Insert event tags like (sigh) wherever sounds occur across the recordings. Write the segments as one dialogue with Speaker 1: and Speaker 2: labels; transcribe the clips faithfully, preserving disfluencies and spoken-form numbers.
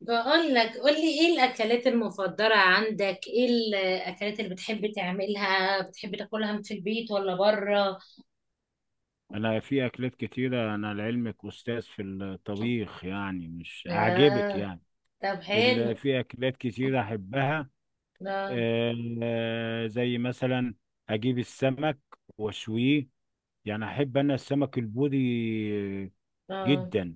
Speaker 1: بقول لك، قولي ايه الاكلات المفضلة عندك، ايه الاكلات اللي بتحب تعملها، بتحب تاكلها في البيت ولا بره؟
Speaker 2: انا في اكلات كتيرة، انا لعلمك استاذ في الطبيخ يعني مش اعجبك
Speaker 1: اه.
Speaker 2: يعني.
Speaker 1: طب
Speaker 2: ال-
Speaker 1: حلو.
Speaker 2: في اكلات كتيرة احبها،
Speaker 1: اه.
Speaker 2: آه، زي مثلا اجيب السمك واشويه. يعني احب انا السمك البوري
Speaker 1: اه.
Speaker 2: جدا.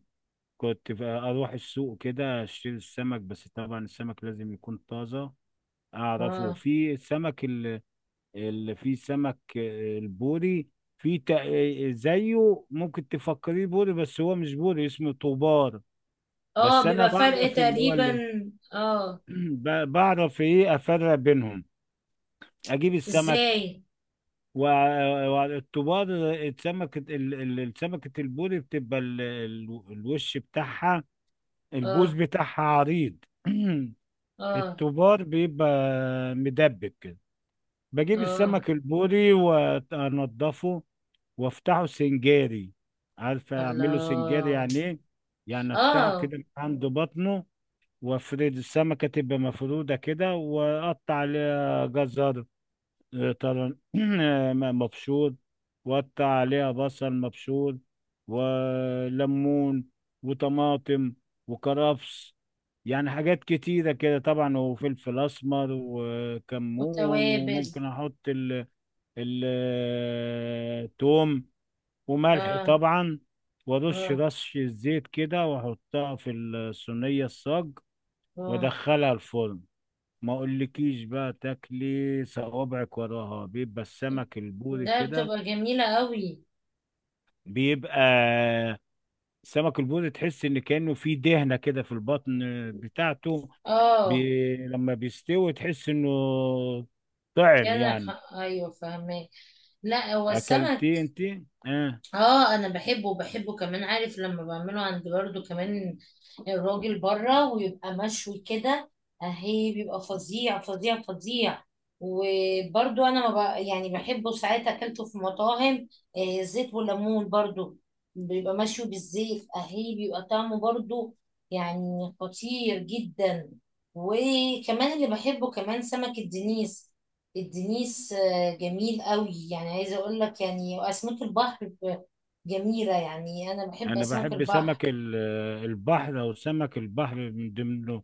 Speaker 2: كنت ف- اروح السوق كده اشتري السمك، بس طبعا السمك لازم يكون طازة. اعرفه
Speaker 1: اه.
Speaker 2: في السمك اللي فيه سمك، آه، البوري. في تا- زيه ممكن تفكريه بوري بس هو مش بوري، اسمه طوبار. بس
Speaker 1: اه.
Speaker 2: انا
Speaker 1: بيبقى فرق
Speaker 2: بعرف اللي هو
Speaker 1: تقريبا.
Speaker 2: اللي
Speaker 1: اه.
Speaker 2: (clears throat) ب- بعرف ايه افرق بينهم. اجيب السمك
Speaker 1: ازاي؟
Speaker 2: والطوبار، السمكة ال- ال- السمكة البوري بتبقى ال- ال- الوش بتاعها، البوز
Speaker 1: اه.
Speaker 2: بتاعها عريض (clears throat)
Speaker 1: اه.
Speaker 2: الطوبار بيبقى مدبب كده. بجيب
Speaker 1: اه.
Speaker 2: السمك البوري وانضفه وافتحه سنجاري. عارفه اعمله سنجاري
Speaker 1: الله.
Speaker 2: يعني ايه؟ يعني افتحه
Speaker 1: اه.
Speaker 2: كده من عند بطنه وافرد السمكه تبقى مفروده كده، واقطع عليها جزر، آه، طبعا (clears throat) آه، مبشور، واقطع عليها بصل مبشور، وليمون، وطماطم، وكرفس، يعني حاجات كتيرة كده طبعا، وفلفل أسمر وكمون،
Speaker 1: وتوابل.
Speaker 2: وممكن أحط ال التوم وملح
Speaker 1: اه.
Speaker 2: طبعا، وارش
Speaker 1: اه.
Speaker 2: رش الزيت كده واحطها في الصينية الصاج
Speaker 1: اه.
Speaker 2: وادخلها الفرن. ما اقولكيش بقى، تاكلي صوابعك وراها. بيبقى السمك البوري
Speaker 1: ده
Speaker 2: كده
Speaker 1: بتبقى جميلة قوي.
Speaker 2: بيبقى السمك البوري، تحس ان كأنه في دهنة كده في البطن بتاعته.
Speaker 1: اه.
Speaker 2: بي... لما بيستوي تحس انه طعم
Speaker 1: كانك...
Speaker 2: يعني.
Speaker 1: ايوه فاهمك. لا هو السمك.
Speaker 2: اكلتيه انت؟ اه.
Speaker 1: اه، انا بحبه، وبحبه كمان عارف لما بعمله عند برضو كمان الراجل بره ويبقى مشوي كده. اهي بيبقى فظيع فظيع فظيع. وبرضو انا ما بق- يعني بحبه ساعات اكلته في مطاعم، آه، زيت والليمون برضو. بيبقى مشوي بالزيت اهي، بيبقى طعمه برضو يعني خطير جدا. وكمان اللي بحبه كمان سمك الدنيس. الدنيس، آه، جميل قوي، يعني عايزه اقول لك يعني اسماك البحر جميله، يعني انا بحب
Speaker 2: انا
Speaker 1: اسماك
Speaker 2: بحب
Speaker 1: البحر.
Speaker 2: سمك ال- البحر، او سمك البحر، من ضمنه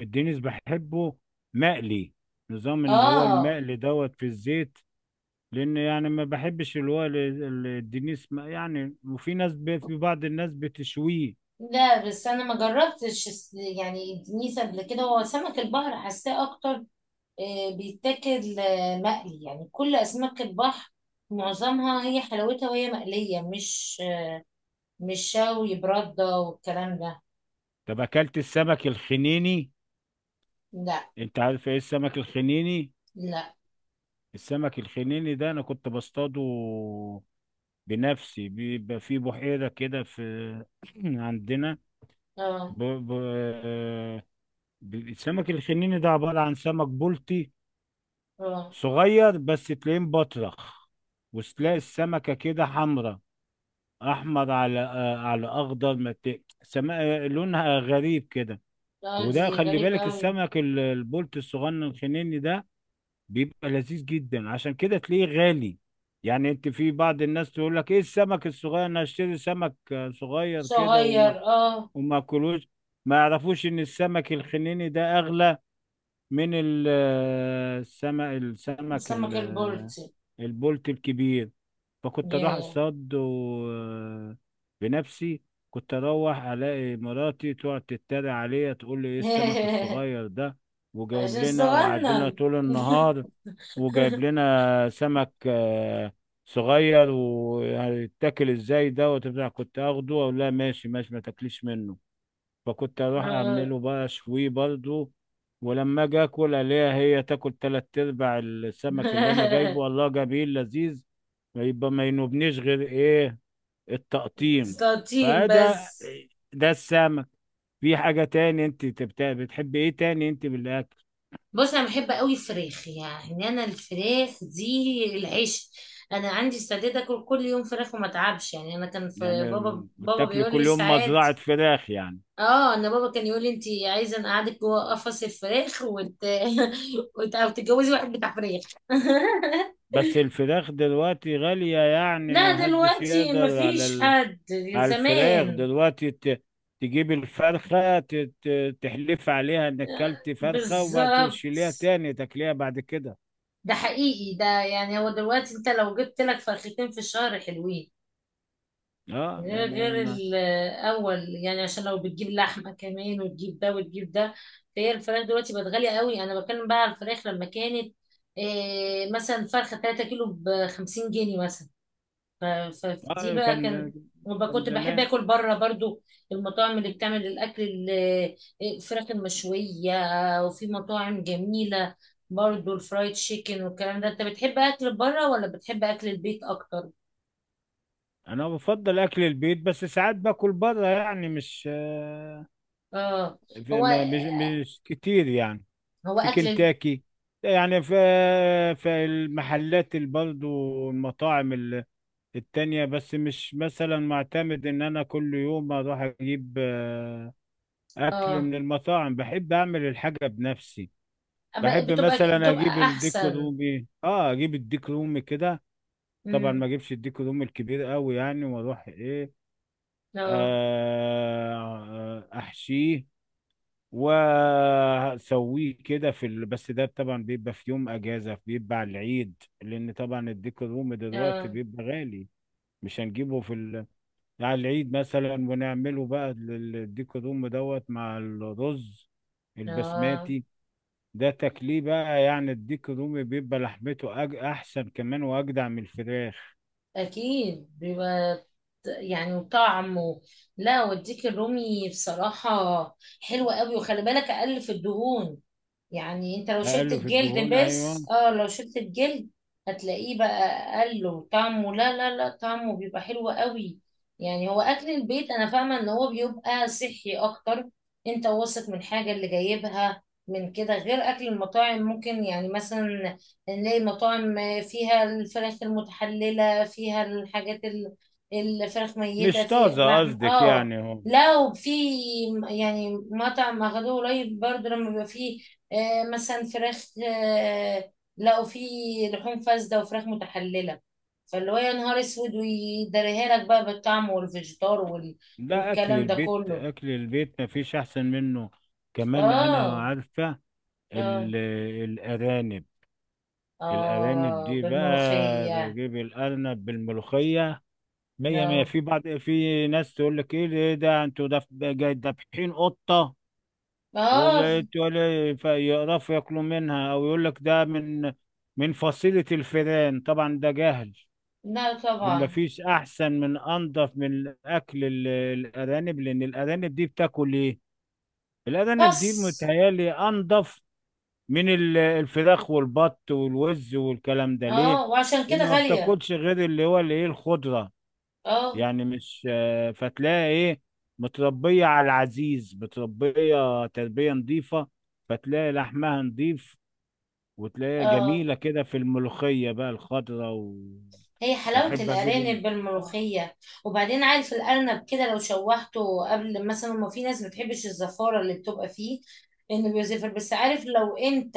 Speaker 2: الدينيس بحبه مقلي، نظام اللي هو
Speaker 1: اه.
Speaker 2: المقلي دوت في الزيت. لان يعني ما بحبش اللي هو ال- ال- الدينيس، م- يعني وفي ناس ب- في بعض الناس بتشويه.
Speaker 1: لا، بس انا ما جربتش الس- يعني الدنيس قبل كده، هو سمك البحر حاساه اكتر. آه، بيتاكل آه، مقلي، يعني كل اسماك البحر معظمها هي حلاوتها وهي مقليه، مش مش شوي برده والكلام ده.
Speaker 2: طب اكلت السمك الخنيني؟
Speaker 1: لا،
Speaker 2: انت عارف ايه السمك الخنيني؟
Speaker 1: لا.
Speaker 2: السمك الخنيني ده انا كنت بصطاده بنفسي. بيبقى في بحيرة كده في (clears throat) عندنا.
Speaker 1: اه.
Speaker 2: ب... ب... آه، ب- السمك الخنيني ده عبارة عن سمك بلطي
Speaker 1: اه.
Speaker 2: صغير، بس تلاقيه مبطرخ، وتلاقي السمكة كده حمرا، أحمر على آه، على أخضر، ما ت- سما... آه، لونها غريب كده.
Speaker 1: اه. دي
Speaker 2: وده خلي
Speaker 1: غريبه
Speaker 2: بالك،
Speaker 1: قوي.
Speaker 2: السمك ال- البولت الصغنن الخنيني ده بيبقى لذيذ جدا، عشان كده تلاقيه غالي. يعني انت، في بعض الناس تقول لك ايه السمك الصغير، انا اشتري سمك آه، صغير كده،
Speaker 1: صغير.
Speaker 2: وما
Speaker 1: اه.
Speaker 2: وما اكلوش. ما يعرفوش ان السمك الخنيني ده اغلى من ال- آه، السمك، السمك
Speaker 1: سمك
Speaker 2: ال-
Speaker 1: البلطي.
Speaker 2: البولت الكبير. فكنت اروح
Speaker 1: ياه.
Speaker 2: اصطاد و- آه، بنفسي. كنت اروح الاقي مراتي تقعد تتريق عليا، تقول لي ايه السمك الصغير
Speaker 1: (laughs)
Speaker 2: ده، وجايب
Speaker 1: عشان
Speaker 2: لنا وقعد لنا
Speaker 1: صغنن.
Speaker 2: طول
Speaker 1: (laughs)
Speaker 2: النهار، وجايب لنا سمك آه، صغير، وهيتاكل ازاي ده؟ وتبدا كنت اخده اقول لها ماشي ماشي ما تاكليش منه. فكنت اروح
Speaker 1: آه.
Speaker 2: اعمله بقى شوي برضو. ولما اجي اكل الاقيها هي تاكل تلات ارباع السمك اللي انا جايبه.
Speaker 1: (laughs)
Speaker 2: الله جميل لذيذ. يبقى ما ينوبنيش غير ايه، التقطيم.
Speaker 1: سلاطين بس.
Speaker 2: فده، ده السمك. في حاجة تاني، انت بت- بتحبي ايه تاني انت بالاكل؟
Speaker 1: بص، انا بحب قوي الفراخ، يعني انا الفراخ دي العيش. انا عندي استعداد اكل كل يوم فراخ وما اتعبش، يعني انا كان في بابا
Speaker 2: يعني
Speaker 1: بابا
Speaker 2: بتاكلي
Speaker 1: بيقول لي
Speaker 2: كل يوم
Speaker 1: ساعات.
Speaker 2: مزرعة فراخ يعني؟
Speaker 1: اه، انا بابا كان يقول لي: انت عايزه انا اقعدك جوه قفص الفراخ وت... (laughs) وت... وتتجوزي واحد بتاع فراخ. (laughs)
Speaker 2: بس الفراخ دلوقتي غالية، يعني ما
Speaker 1: لا
Speaker 2: حدش
Speaker 1: دلوقتي
Speaker 2: يقدر على
Speaker 1: مفيش
Speaker 2: ال...
Speaker 1: حد.
Speaker 2: على الفراخ
Speaker 1: زمان.
Speaker 2: دلوقتي، ت- تجيب الفرخة ت- ت- تحلف عليها انك كلت فرخة، وما
Speaker 1: بالظبط.
Speaker 2: تشيليها تاني تاكليها بعد كده.
Speaker 1: ده حقيقي، ده يعني هو دلوقتي انت لو جبت لك فرختين في الشهر حلوين.
Speaker 2: اه
Speaker 1: غير غير
Speaker 2: انا،
Speaker 1: الاول، يعني عشان لو بتجيب لحمه كمان وتجيب ده وتجيب ده. فهي الفراخ دلوقتي بقت غاليه قوي، انا بتكلم بقى على الفراخ لما كانت إيه، مثلا فرخه 3 كيلو ب خمسين جنيه مثلا. ف- ف-
Speaker 2: أنا-
Speaker 1: فدي
Speaker 2: اه
Speaker 1: بقى كان.
Speaker 2: كان،
Speaker 1: وبقى
Speaker 2: كان
Speaker 1: كنت بحب
Speaker 2: زمان.
Speaker 1: اكل بره برضو. المطاعم اللي بتعمل الاكل ال- آه، الفراخ المشويه. وفي مطاعم جميله. برضو الفرايد تشيكن والكلام ده. انت بتحب اكل بره ولا بتحب اكل البيت اكتر؟
Speaker 2: انا بفضل اكل البيت، بس ساعات باكل بره، يعني مش آه،
Speaker 1: اه.
Speaker 2: في-
Speaker 1: هو
Speaker 2: ما- مش مش كتير يعني.
Speaker 1: هو
Speaker 2: في
Speaker 1: اكل.
Speaker 2: كنتاكي يعني، في في المحلات اللي برضو المطاعم التانية، بس مش مثلا معتمد ان انا كل يوم اروح اجيب آه، اكل
Speaker 1: اه.
Speaker 2: من المطاعم. بحب اعمل الحاجة بنفسي.
Speaker 1: أب-
Speaker 2: بحب
Speaker 1: بتبقى
Speaker 2: مثلا
Speaker 1: بتبقى
Speaker 2: اجيب الديك
Speaker 1: احسن.
Speaker 2: رومي، اه اجيب الديك رومي كده. طبعا
Speaker 1: امم
Speaker 2: ما اجيبش الديك رومي الكبير قوي يعني، واروح ايه،
Speaker 1: اه.
Speaker 2: آه احشيه واسويه كده في ال... بس ده طبعا بيبقى في يوم اجازة، بيبقى على العيد، لان طبعا الديك رومي دلوقتي
Speaker 1: اه.
Speaker 2: بيبقى غالي. مش هنجيبه في ال... على العيد مثلا ونعمله بقى ال- الديك دوم دوت مع الرز
Speaker 1: اه.
Speaker 2: البسماتي. ده تاكليه بقى. يعني الديك دوم بيبقى لحمته أج... احسن كمان واجدع من الفراخ.
Speaker 1: اكيد بيبقى. ط- يعني طعم و... لا، والديك الرومي بصراحة حلوة قوي، وخلي بالك اقل في الدهون. يعني انت لو شلت
Speaker 2: اقل في
Speaker 1: الجلد
Speaker 2: الدهون
Speaker 1: بس،
Speaker 2: ايوه.
Speaker 1: اه، لو شلت الجلد. هتلاقيه بقى اقل، وطعمه، لا، لا، لا، طعمه بيبقى حلو قوي. يعني هو اكل البيت انا فاهمه ان هو بيبقى صحي اكتر. انت واثق من حاجه اللي جايبها من كده، غير اكل المطاعم ممكن يعني مثلا نلاقي مطاعم فيها الفراخ المتحلله، فيها الحاجات ال- الفراخ ميته،
Speaker 2: مش
Speaker 1: في
Speaker 2: طازه
Speaker 1: لحم.
Speaker 2: قصدك
Speaker 1: اه.
Speaker 2: يعني هو.
Speaker 1: لو في يعني مطعم اخدوه قريب برضه، لما بيبقى فيه آه، مثلا فراخ، آه، لقوا فيه لحوم فاسدة وفراخ متحللة. فاللي هو يا نهار اسود، ويدريها لك بقى بالطعم والفيجيتار وال...
Speaker 2: ده اكل
Speaker 1: والكلام ده
Speaker 2: البيت،
Speaker 1: كله.
Speaker 2: اكل البيت مفيش احسن منه. كمان انا
Speaker 1: اه.
Speaker 2: عارفه
Speaker 1: اه.
Speaker 2: ال... الارانب. الارانب
Speaker 1: اه.
Speaker 2: دي بقى
Speaker 1: بالملوخية.
Speaker 2: بجيب الارنب بالملوخيه مية مية.
Speaker 1: اه.
Speaker 2: في بعض، في ناس تقول لك ايه، إيه ده انتوا دف- جاي دابحين قطة،
Speaker 1: اه.
Speaker 2: وتقول يقرفوا ياكلوا منها، او يقول لك ده من من فصيلة الفئران. طبعا ده جهل.
Speaker 1: لا
Speaker 2: ما
Speaker 1: طبعا.
Speaker 2: فيش احسن من، انضف من اكل ال- الارانب. لان الارانب دي بتاكل ايه؟ الارانب دي
Speaker 1: بس.
Speaker 2: متهيالي انضف من ال- الفراخ والبط والوز والكلام ده. ليه؟
Speaker 1: اه، وعشان
Speaker 2: لان
Speaker 1: كده
Speaker 2: ما
Speaker 1: غالية.
Speaker 2: بتاكلش غير اللي هو الايه، الخضرة.
Speaker 1: اه.
Speaker 2: يعني مش آه، فتلاقي ايه، متربية على العزيز، متربية تربية نظيفة، فتلاقي لحمها نظيف، وتلاقيها
Speaker 1: اه.
Speaker 2: جميلة كده في الملوخية بقى الخضرة.
Speaker 1: هي حلاوة
Speaker 2: وأحب أجيب إن-
Speaker 1: الأرانب
Speaker 2: آه.
Speaker 1: بالملوخية. وبعدين عارف الأرنب كده لو شوحته قبل، مثلا، ما في ناس ما بتحبش الزفارة اللي بتبقى فيه، إنه بيزفر. بس عارف لو أنت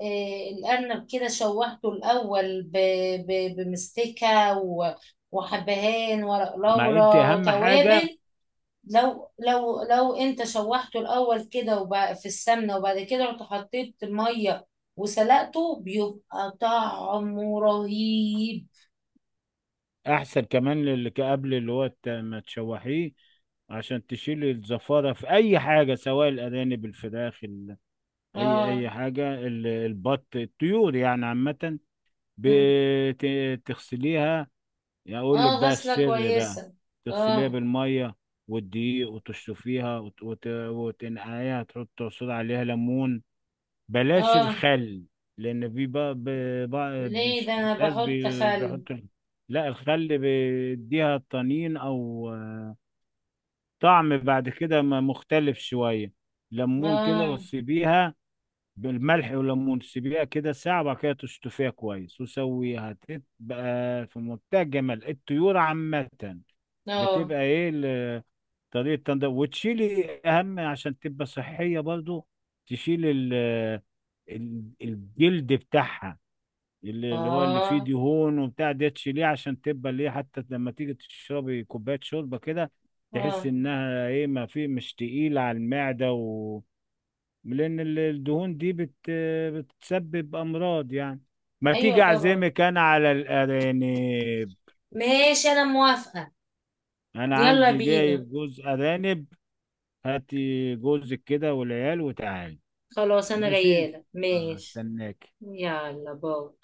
Speaker 1: آه، الأرنب كده شوحته الأول ب- ب- بمستكة و- وحبهان ورق
Speaker 2: مع أنت
Speaker 1: لورا
Speaker 2: أهم حاجة.
Speaker 1: توابل، لو لو لو أنت شوحته الأول كده وب- في السمنة، وبعد كده رحت حطيت مية وسلقته، بيبقى طعمه رهيب.
Speaker 2: أحسن كمان اللي قبل اللي هو الت- ما تشوحيه عشان تشيل الزفارة، في أي حاجة، سواء الأرانب، الفراخ ال... أي أي
Speaker 1: اه.
Speaker 2: حاجة، ال- البط، الطيور يعني عامة،
Speaker 1: مم.
Speaker 2: بتغسليها. يعني اقول لك
Speaker 1: اه،
Speaker 2: بقى
Speaker 1: غسلة
Speaker 2: السر بقى،
Speaker 1: كويسة.
Speaker 2: تغسليها
Speaker 1: اه.
Speaker 2: بالميه والدقيق، وتشطفيها وت... وت... وتنقعيها، تحط عصير عليها ليمون. بلاش
Speaker 1: اه.
Speaker 2: الخل، لان في بقى ب... بقى
Speaker 1: ليه؟ ده
Speaker 2: بش-
Speaker 1: انا
Speaker 2: ناس
Speaker 1: بحط
Speaker 2: بي...
Speaker 1: خل.
Speaker 2: بيحطوا. لا الخل بيديها طنين، او طعم بعد كده م- مختلف شويه. ليمون كده
Speaker 1: اه.
Speaker 2: وتسيبيها بالملح والليمون، تسيبيها كده ساعة، وبعد كده تشطفيها كويس وسويها، تبقى في منتهى الجمال. الطيور عامة
Speaker 1: اه.
Speaker 2: بتبقى ايه ال- طريقة تنضيف، وتشيلي اهم عشان تبقى صحية برضو. تشيلي ال- ال- الجلد بتاعها، اللي اللي هو اللي فيه
Speaker 1: اه.
Speaker 2: دهون وبتاع ده تشيليه، عشان تبقى ليه حتى لما تيجي تشربي كوباية شوربة كده تحس
Speaker 1: اه.
Speaker 2: انها ايه، ما في، مش تقيلة على المعدة. لأن ال- الدهون دي بت بتسبب أمراض يعني. ما
Speaker 1: ايوه
Speaker 2: تيجي
Speaker 1: طبعا.
Speaker 2: أعزمك أنا على الأرانب،
Speaker 1: ماشي، انا موافقة.
Speaker 2: أنا
Speaker 1: يلا
Speaker 2: عندي
Speaker 1: بينا.
Speaker 2: جايب جوز أرانب. هاتي جوزك كده والعيال وتعالي.
Speaker 1: خلاص انا
Speaker 2: ماشي،
Speaker 1: غيالة،
Speaker 2: أنا
Speaker 1: ماشي.
Speaker 2: استناك.
Speaker 1: يلا، باي.